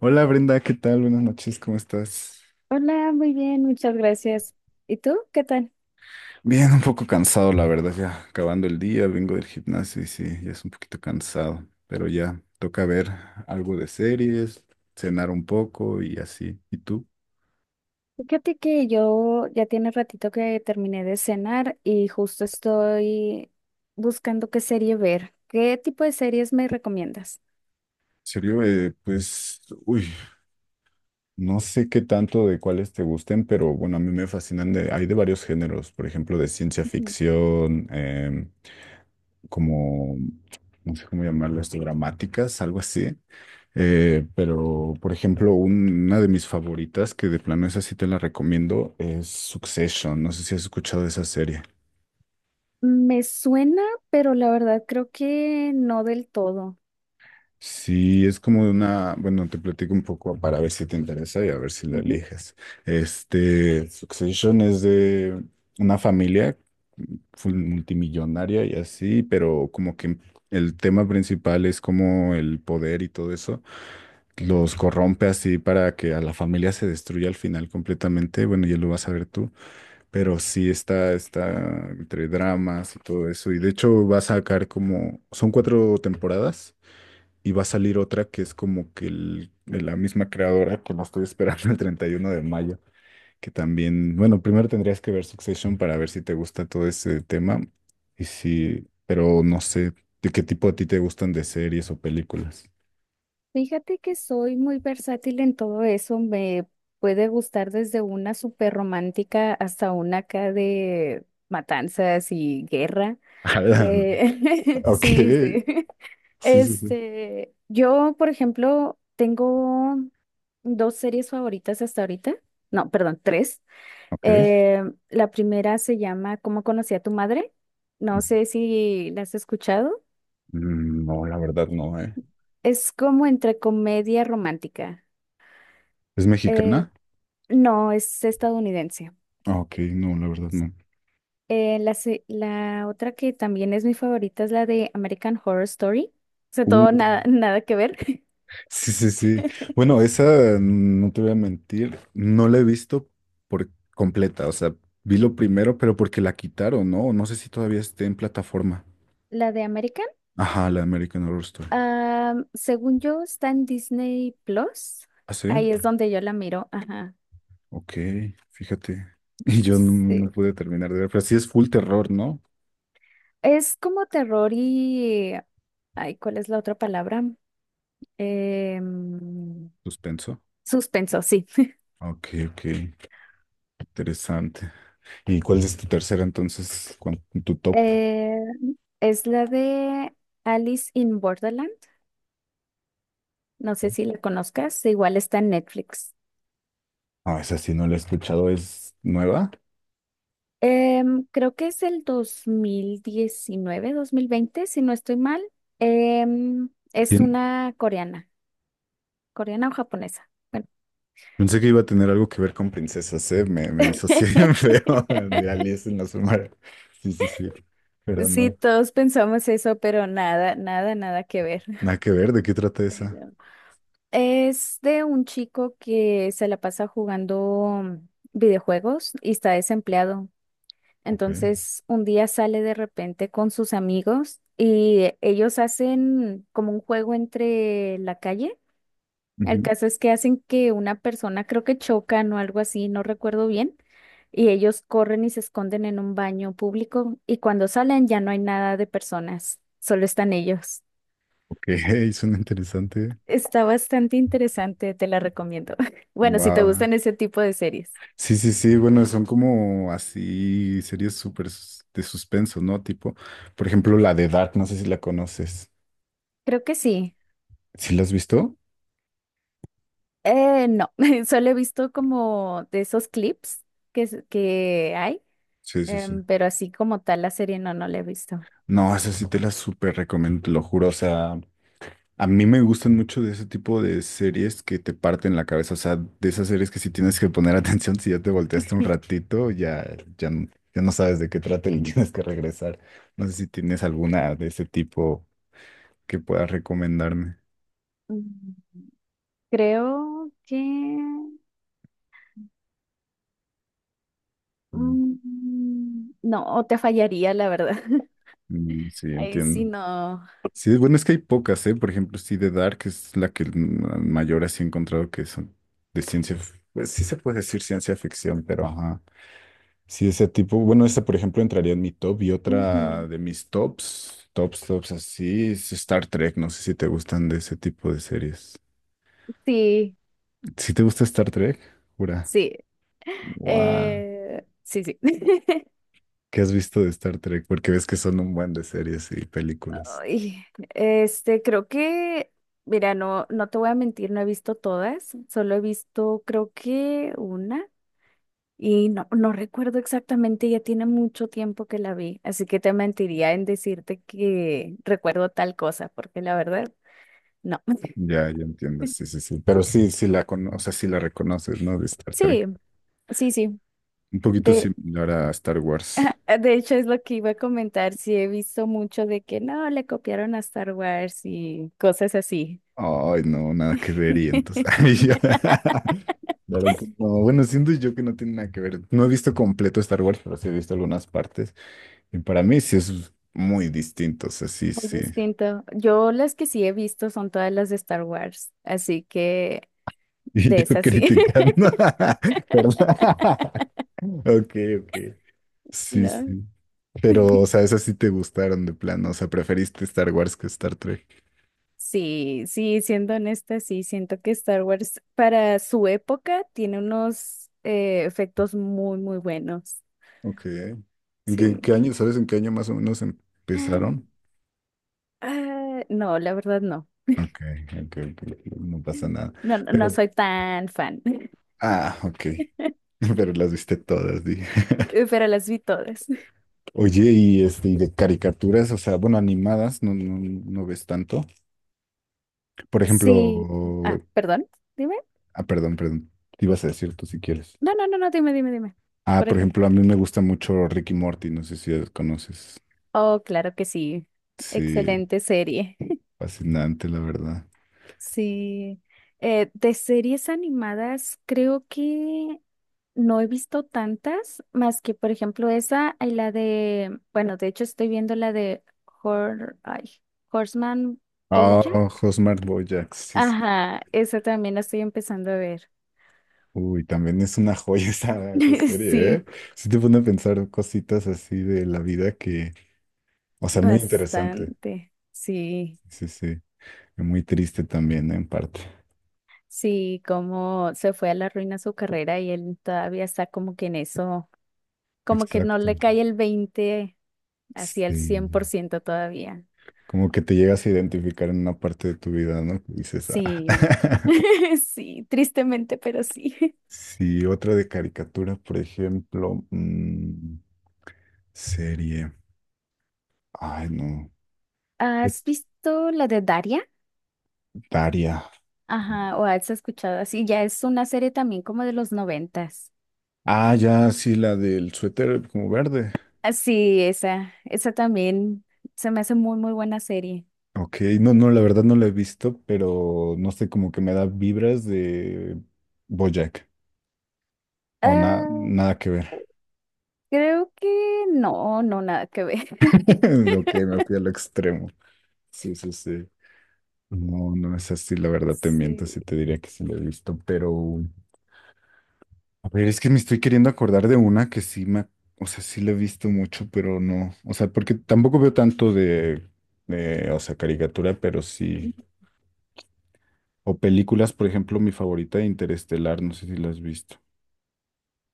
Hola Brenda, ¿qué tal? Buenas noches, ¿cómo estás? Hola, muy bien, muchas gracias. ¿Y tú? ¿Qué tal? Bien, un poco cansado, la verdad, ya acabando el día, vengo del gimnasio y sí, ya es un poquito cansado, pero ya toca ver algo de series, cenar un poco y así. ¿Y tú? Fíjate que yo ya tiene ratito que terminé de cenar y justo estoy buscando qué serie ver. ¿Qué tipo de series me recomiendas? En serio, pues, uy, no sé qué tanto de cuáles te gusten, pero bueno, a mí me fascinan de, hay de varios géneros, por ejemplo, de ciencia Ujú. ficción, como, no sé cómo llamarlo, esto, dramáticas, algo así. Pero, por ejemplo, una de mis favoritas, que de plano esa sí te la recomiendo, es Succession. No sé si has escuchado de esa serie. Me suena, pero la verdad creo que no del todo. Sí, es como una, bueno, te platico un poco para ver si te interesa y a ver si la Ujú. eliges. Este, Succession es de una familia full multimillonaria y así, pero como que el tema principal es como el poder y todo eso los corrompe así para que a la familia se destruya al final completamente. Bueno, ya lo vas a ver tú, pero sí está, está entre dramas y todo eso. Y de hecho va a sacar como, son cuatro temporadas y va a salir otra que es como que de la misma creadora que la estoy esperando el 31 de mayo, que también, bueno, primero tendrías que ver Succession para ver si te gusta todo ese tema y si, pero no sé, ¿de qué tipo a ti te gustan de series o películas? Fíjate que soy muy versátil en todo eso. Me puede gustar desde una súper romántica hasta una acá de matanzas y guerra. Ala, ok, sí, sí, sí. sí, sí. Yo, por ejemplo, tengo dos series favoritas hasta ahorita. No, perdón, tres. Ok. Eh, la primera se llama ¿Cómo conocí a tu madre? No sé si la has escuchado. Mm, no, la verdad no, Es como entre comedia romántica. ¿Es Eh, mexicana? no, es estadounidense. Ah, ok, no, la verdad no. La otra que también es mi favorita es la de American Horror Story. O sea, todo Uh. nada, nada que ver. Sí, sí, sí. Bueno, esa, mm, no te voy a mentir, no la he visto por completa. O sea, vi lo primero, pero porque la quitaron, ¿no? No sé si todavía esté en plataforma. La de American. Ajá, la American Horror Story. Según yo, está en Disney Plus. ¿Ah, sí? Ahí es donde yo la miro. Ajá. Ok, fíjate. Y yo no, no Sí. pude terminar de ver, pero sí es full terror, ¿no? Es como terror y... Ay, ¿cuál es la otra palabra? Em, Suspenso. suspenso, sí. Ok, ok, interesante. ¿Y cuál es tu tercera entonces, tu top? Eh, es la de Alice in Borderland. No sé si la conozcas. Igual está en Netflix. Ah, esa sí no la he escuchado, ¿es nueva? Creo que es el 2019, 2020, si no estoy mal. Es una coreana. ¿Coreana o japonesa? Bueno. Pensé que iba a tener algo que ver con princesas, ¿eh? Me disocié bien feo de Alice en la sombra. Sí, sí, sí. Pero Sí, no. todos pensamos eso, pero nada, nada, nada que ver. Nada que ver, ¿de qué trata esa? Pero es de un chico que se la pasa jugando videojuegos y está desempleado. Ok. Entonces, un día sale de repente con sus amigos y ellos hacen como un juego entre la calle. El Ujú. caso es que hacen que una persona, creo que chocan o algo así, no recuerdo bien, y ellos corren y se esconden en un baño público y cuando salen ya no hay nada de personas, solo están ellos. Ok, suena interesante. Está bastante interesante, te la recomiendo. Bueno, Va. si te Va. gustan ese tipo de series. Sí, sí, sí. Bueno, son como así series de suspenso, ¿no? Tipo, por ejemplo, la de Dark, no sé si la conoces. Creo que sí. ¿Sí la has visto? No, solo he visto como de esos clips que hay, Sí, sí, sí. Pero así como tal la serie no, no la he visto. No, esa sí te la súper recomiendo, te lo juro. O sea. A mí me gustan mucho de ese tipo de series que te parten la cabeza, o sea, de esas series que si tienes que poner atención, si ya te volteaste un ratito, ya, ya, ya no sabes de qué trata y tienes que regresar. No sé si tienes alguna de ese tipo que puedas recomendarme. Mm, Creo que Mm, No, te fallaría, la verdad. mm, sí, Ahí entiendo. sí no. Sí, bueno, es que hay pocas, ¿eh? Por ejemplo, sí, The Dark es la que mm, mayor así he encontrado que son de ciencia, pues sí se puede decir ciencia ficción, pero ajá. Sí, ese tipo, bueno, ese por ejemplo entraría en mi top y Ujú. otra de mis tops, tops, tops así, es Star Trek, no sé si te gustan de ese tipo de series. Sí, ¿Si te gusta Star Trek? Jura. sí. Guau. Sí, sí. ¿Qué has visto de Star Trek? Porque ves que son un buen de series y películas. Ay, creo que, mira, no, no te voy a mentir, no he visto todas, solo he visto, creo que una, y no, no recuerdo exactamente, ya tiene mucho tiempo que la vi, así que te mentiría en decirte que recuerdo tal cosa, porque la verdad, no. Ya, ya entiendo, sí, sí, sí. Pero sí, o sea, sí la reconoces, ¿no? De Star Sí, Trek. sí, sí. Un poquito De, similar a Star Wars. De hecho, es lo que iba a comentar. Sí, he visto mucho de que no, le copiaron a Star Wars y cosas así. Ay, no, nada que ver y entonces... Ay, Claro que no. Bueno, siento yo que no tiene nada que ver. No he visto completo Star Wars, pero sí he visto algunas partes. Y para mí sí es muy distinto, o sea, sí, Muy sí. distinto. Yo las que sí he visto son todas las de Star Wars, así que Y de yo esas sí. criticando. Perdón. Ok, ok. Sí, No. sí. Pero, o sea, esas sí te gustaron de plano. O sea, preferiste Star Wars que Star Trek. Sí, sí, siendo honesta, sí, siento que Star Wars para su época tiene unos efectos muy, muy buenos. Ok. ¿En qué, qué Sí. año, sabes en qué año más o menos empezaron? Ah, no, la verdad no. Ok, ok, ok, ok, no pasa nada. No, no Pero soy tan fan. ah, ok. Pero las viste todas, dije. Pero las vi todas. Oye, y de caricaturas, o sea, bueno, animadas, no, no, no ves tanto. Por ejemplo, Sí. Ah, perdón. Dime. Perdón. Te ibas a decir tú si quieres. No, no, no, no, dime, dime, dime. Ah, Por por ejemplo. ejemplo, a mí me gusta mucho Ricky Morty, no sé si los conoces. Oh, claro que sí. Sí, Excelente serie. fascinante, la verdad. Sí. De series animadas, creo que no he visto tantas, más que, por ejemplo, esa y la de, bueno, de hecho estoy viendo la de Hor- ay, Horseman Ah, Bojack. Housemarque Bojack, sí, sí. Ajá, esa también la estoy empezando a ver. Uy, también es una joya esa, esa serie, ¿eh? Sí, Sí te pone a pensar cositas así de la vida que, o sea, muy interesante. bastante. Sí. Sí, sí. Muy triste también, ¿no? En parte. Sí, como se fue a la ruina su carrera y él todavía está como que en eso, como que no Exacto. le cae el 20, hacia el cien Sí. por ciento todavía. Como que te llegas a identificar en una parte de tu vida, ¿no? Que dices, Sí, ah. sí, tristemente, pero sí. Sí, otra de caricatura, por ejemplo, serie. Ay, no. ¿Has Es visto la de Daria? Daria. Ajá, o has escuchado así, ya es una serie también como de los 90s. Ah, ya, sí, la del suéter como verde. Ah, sí, esa también se me hace muy, muy buena serie. Ok, no, no, la verdad no la he visto, pero no sé, como que me da vibras de BoJack. O nada, Ah, nada que ver. creo que no, no, nada que ver. Ok, me fui al extremo. Sí, sí, sí. No, no es así, la verdad te miento, Sí. sí te diría que sí lo he visto, pero a ver, es que me estoy queriendo acordar de una que sí me, o sea, sí la he visto mucho, pero no, o sea, porque tampoco veo tanto de, o sea, caricatura, pero sí, o películas, por ejemplo, mi favorita de Interestelar, no sé si la has visto.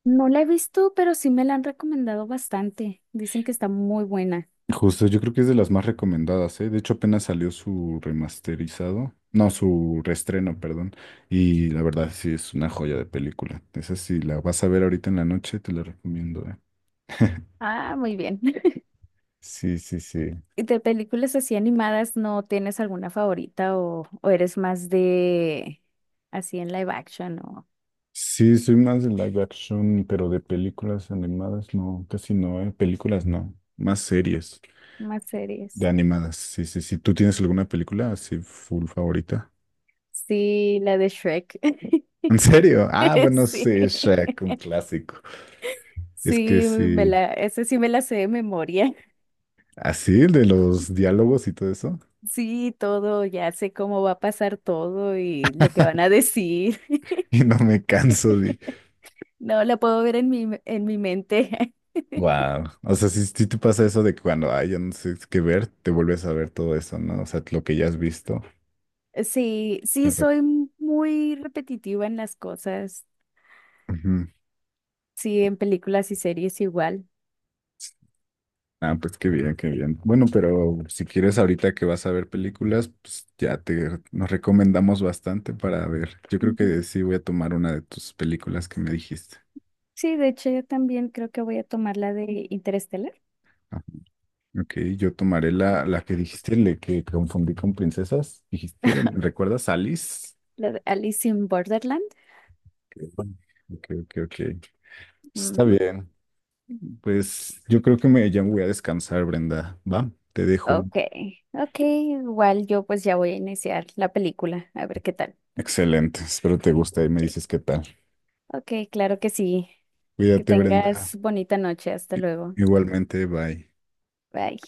No la he visto, pero sí me la han recomendado bastante. Dicen que está muy buena. Justo, yo creo que es de las más recomendadas, ¿eh? De hecho, apenas salió su remasterizado, no, su reestreno, perdón, y la verdad sí es una joya de película. Esa sí, la vas a ver ahorita en la noche, te la recomiendo, ¿eh? Ah, muy bien. Sí, sí, sí. ¿Y de películas así animadas no tienes alguna favorita o eres más de así en live action o Sí, soy más de live action, pero de películas animadas no, casi no, ¿eh? Películas no, más series más de series? animadas. Sí, sí, sí. ¿Tú tienes alguna película así full favorita? Sí, la de Shrek. ¿En serio? Ah, bueno, Sí, sí, Shrek, un clásico. Es que sí, sí, esa sí me la sé de memoria. así, el de los diálogos y todo eso. Sí, todo, ya sé cómo va a pasar todo y lo que van a decir. Y no me canso de... No, la puedo ver en mi mente. Wow. O sea, si, te pasa eso de que cuando, ay, ya no sé qué ver, te vuelves a ver todo eso, ¿no? O sea, lo que ya has visto. Sí, de sí, rep- soy muy repetitiva en las cosas. Ujú. Sí, en películas y series igual. Ah, pues qué bien, qué bien. Bueno, pero si quieres ahorita que vas a ver películas, pues ya te nos recomendamos bastante para ver. Yo creo Ujú. que sí voy a tomar una de tus películas que me dijiste. Sí, de hecho, yo también creo que voy a tomar la de Interstellar, Ah, ok, yo tomaré la, la que dijiste, le que confundí con princesas. Dijiste, ¿recuerdas Alice? la de Alice in Borderland. Ok, ok, ok. Ok. Está Ujú. bien. Pues yo creo que me, ya me voy a descansar, Brenda. Va, te dejo. Ok, ok, igual yo pues ya voy a iniciar la película, a ver qué tal. Excelente, espero te guste y me dices qué tal. Ok, claro que sí. Que Cuídate, Brenda. tengas bonita noche, hasta I- luego. Igualmente, bye. Bye.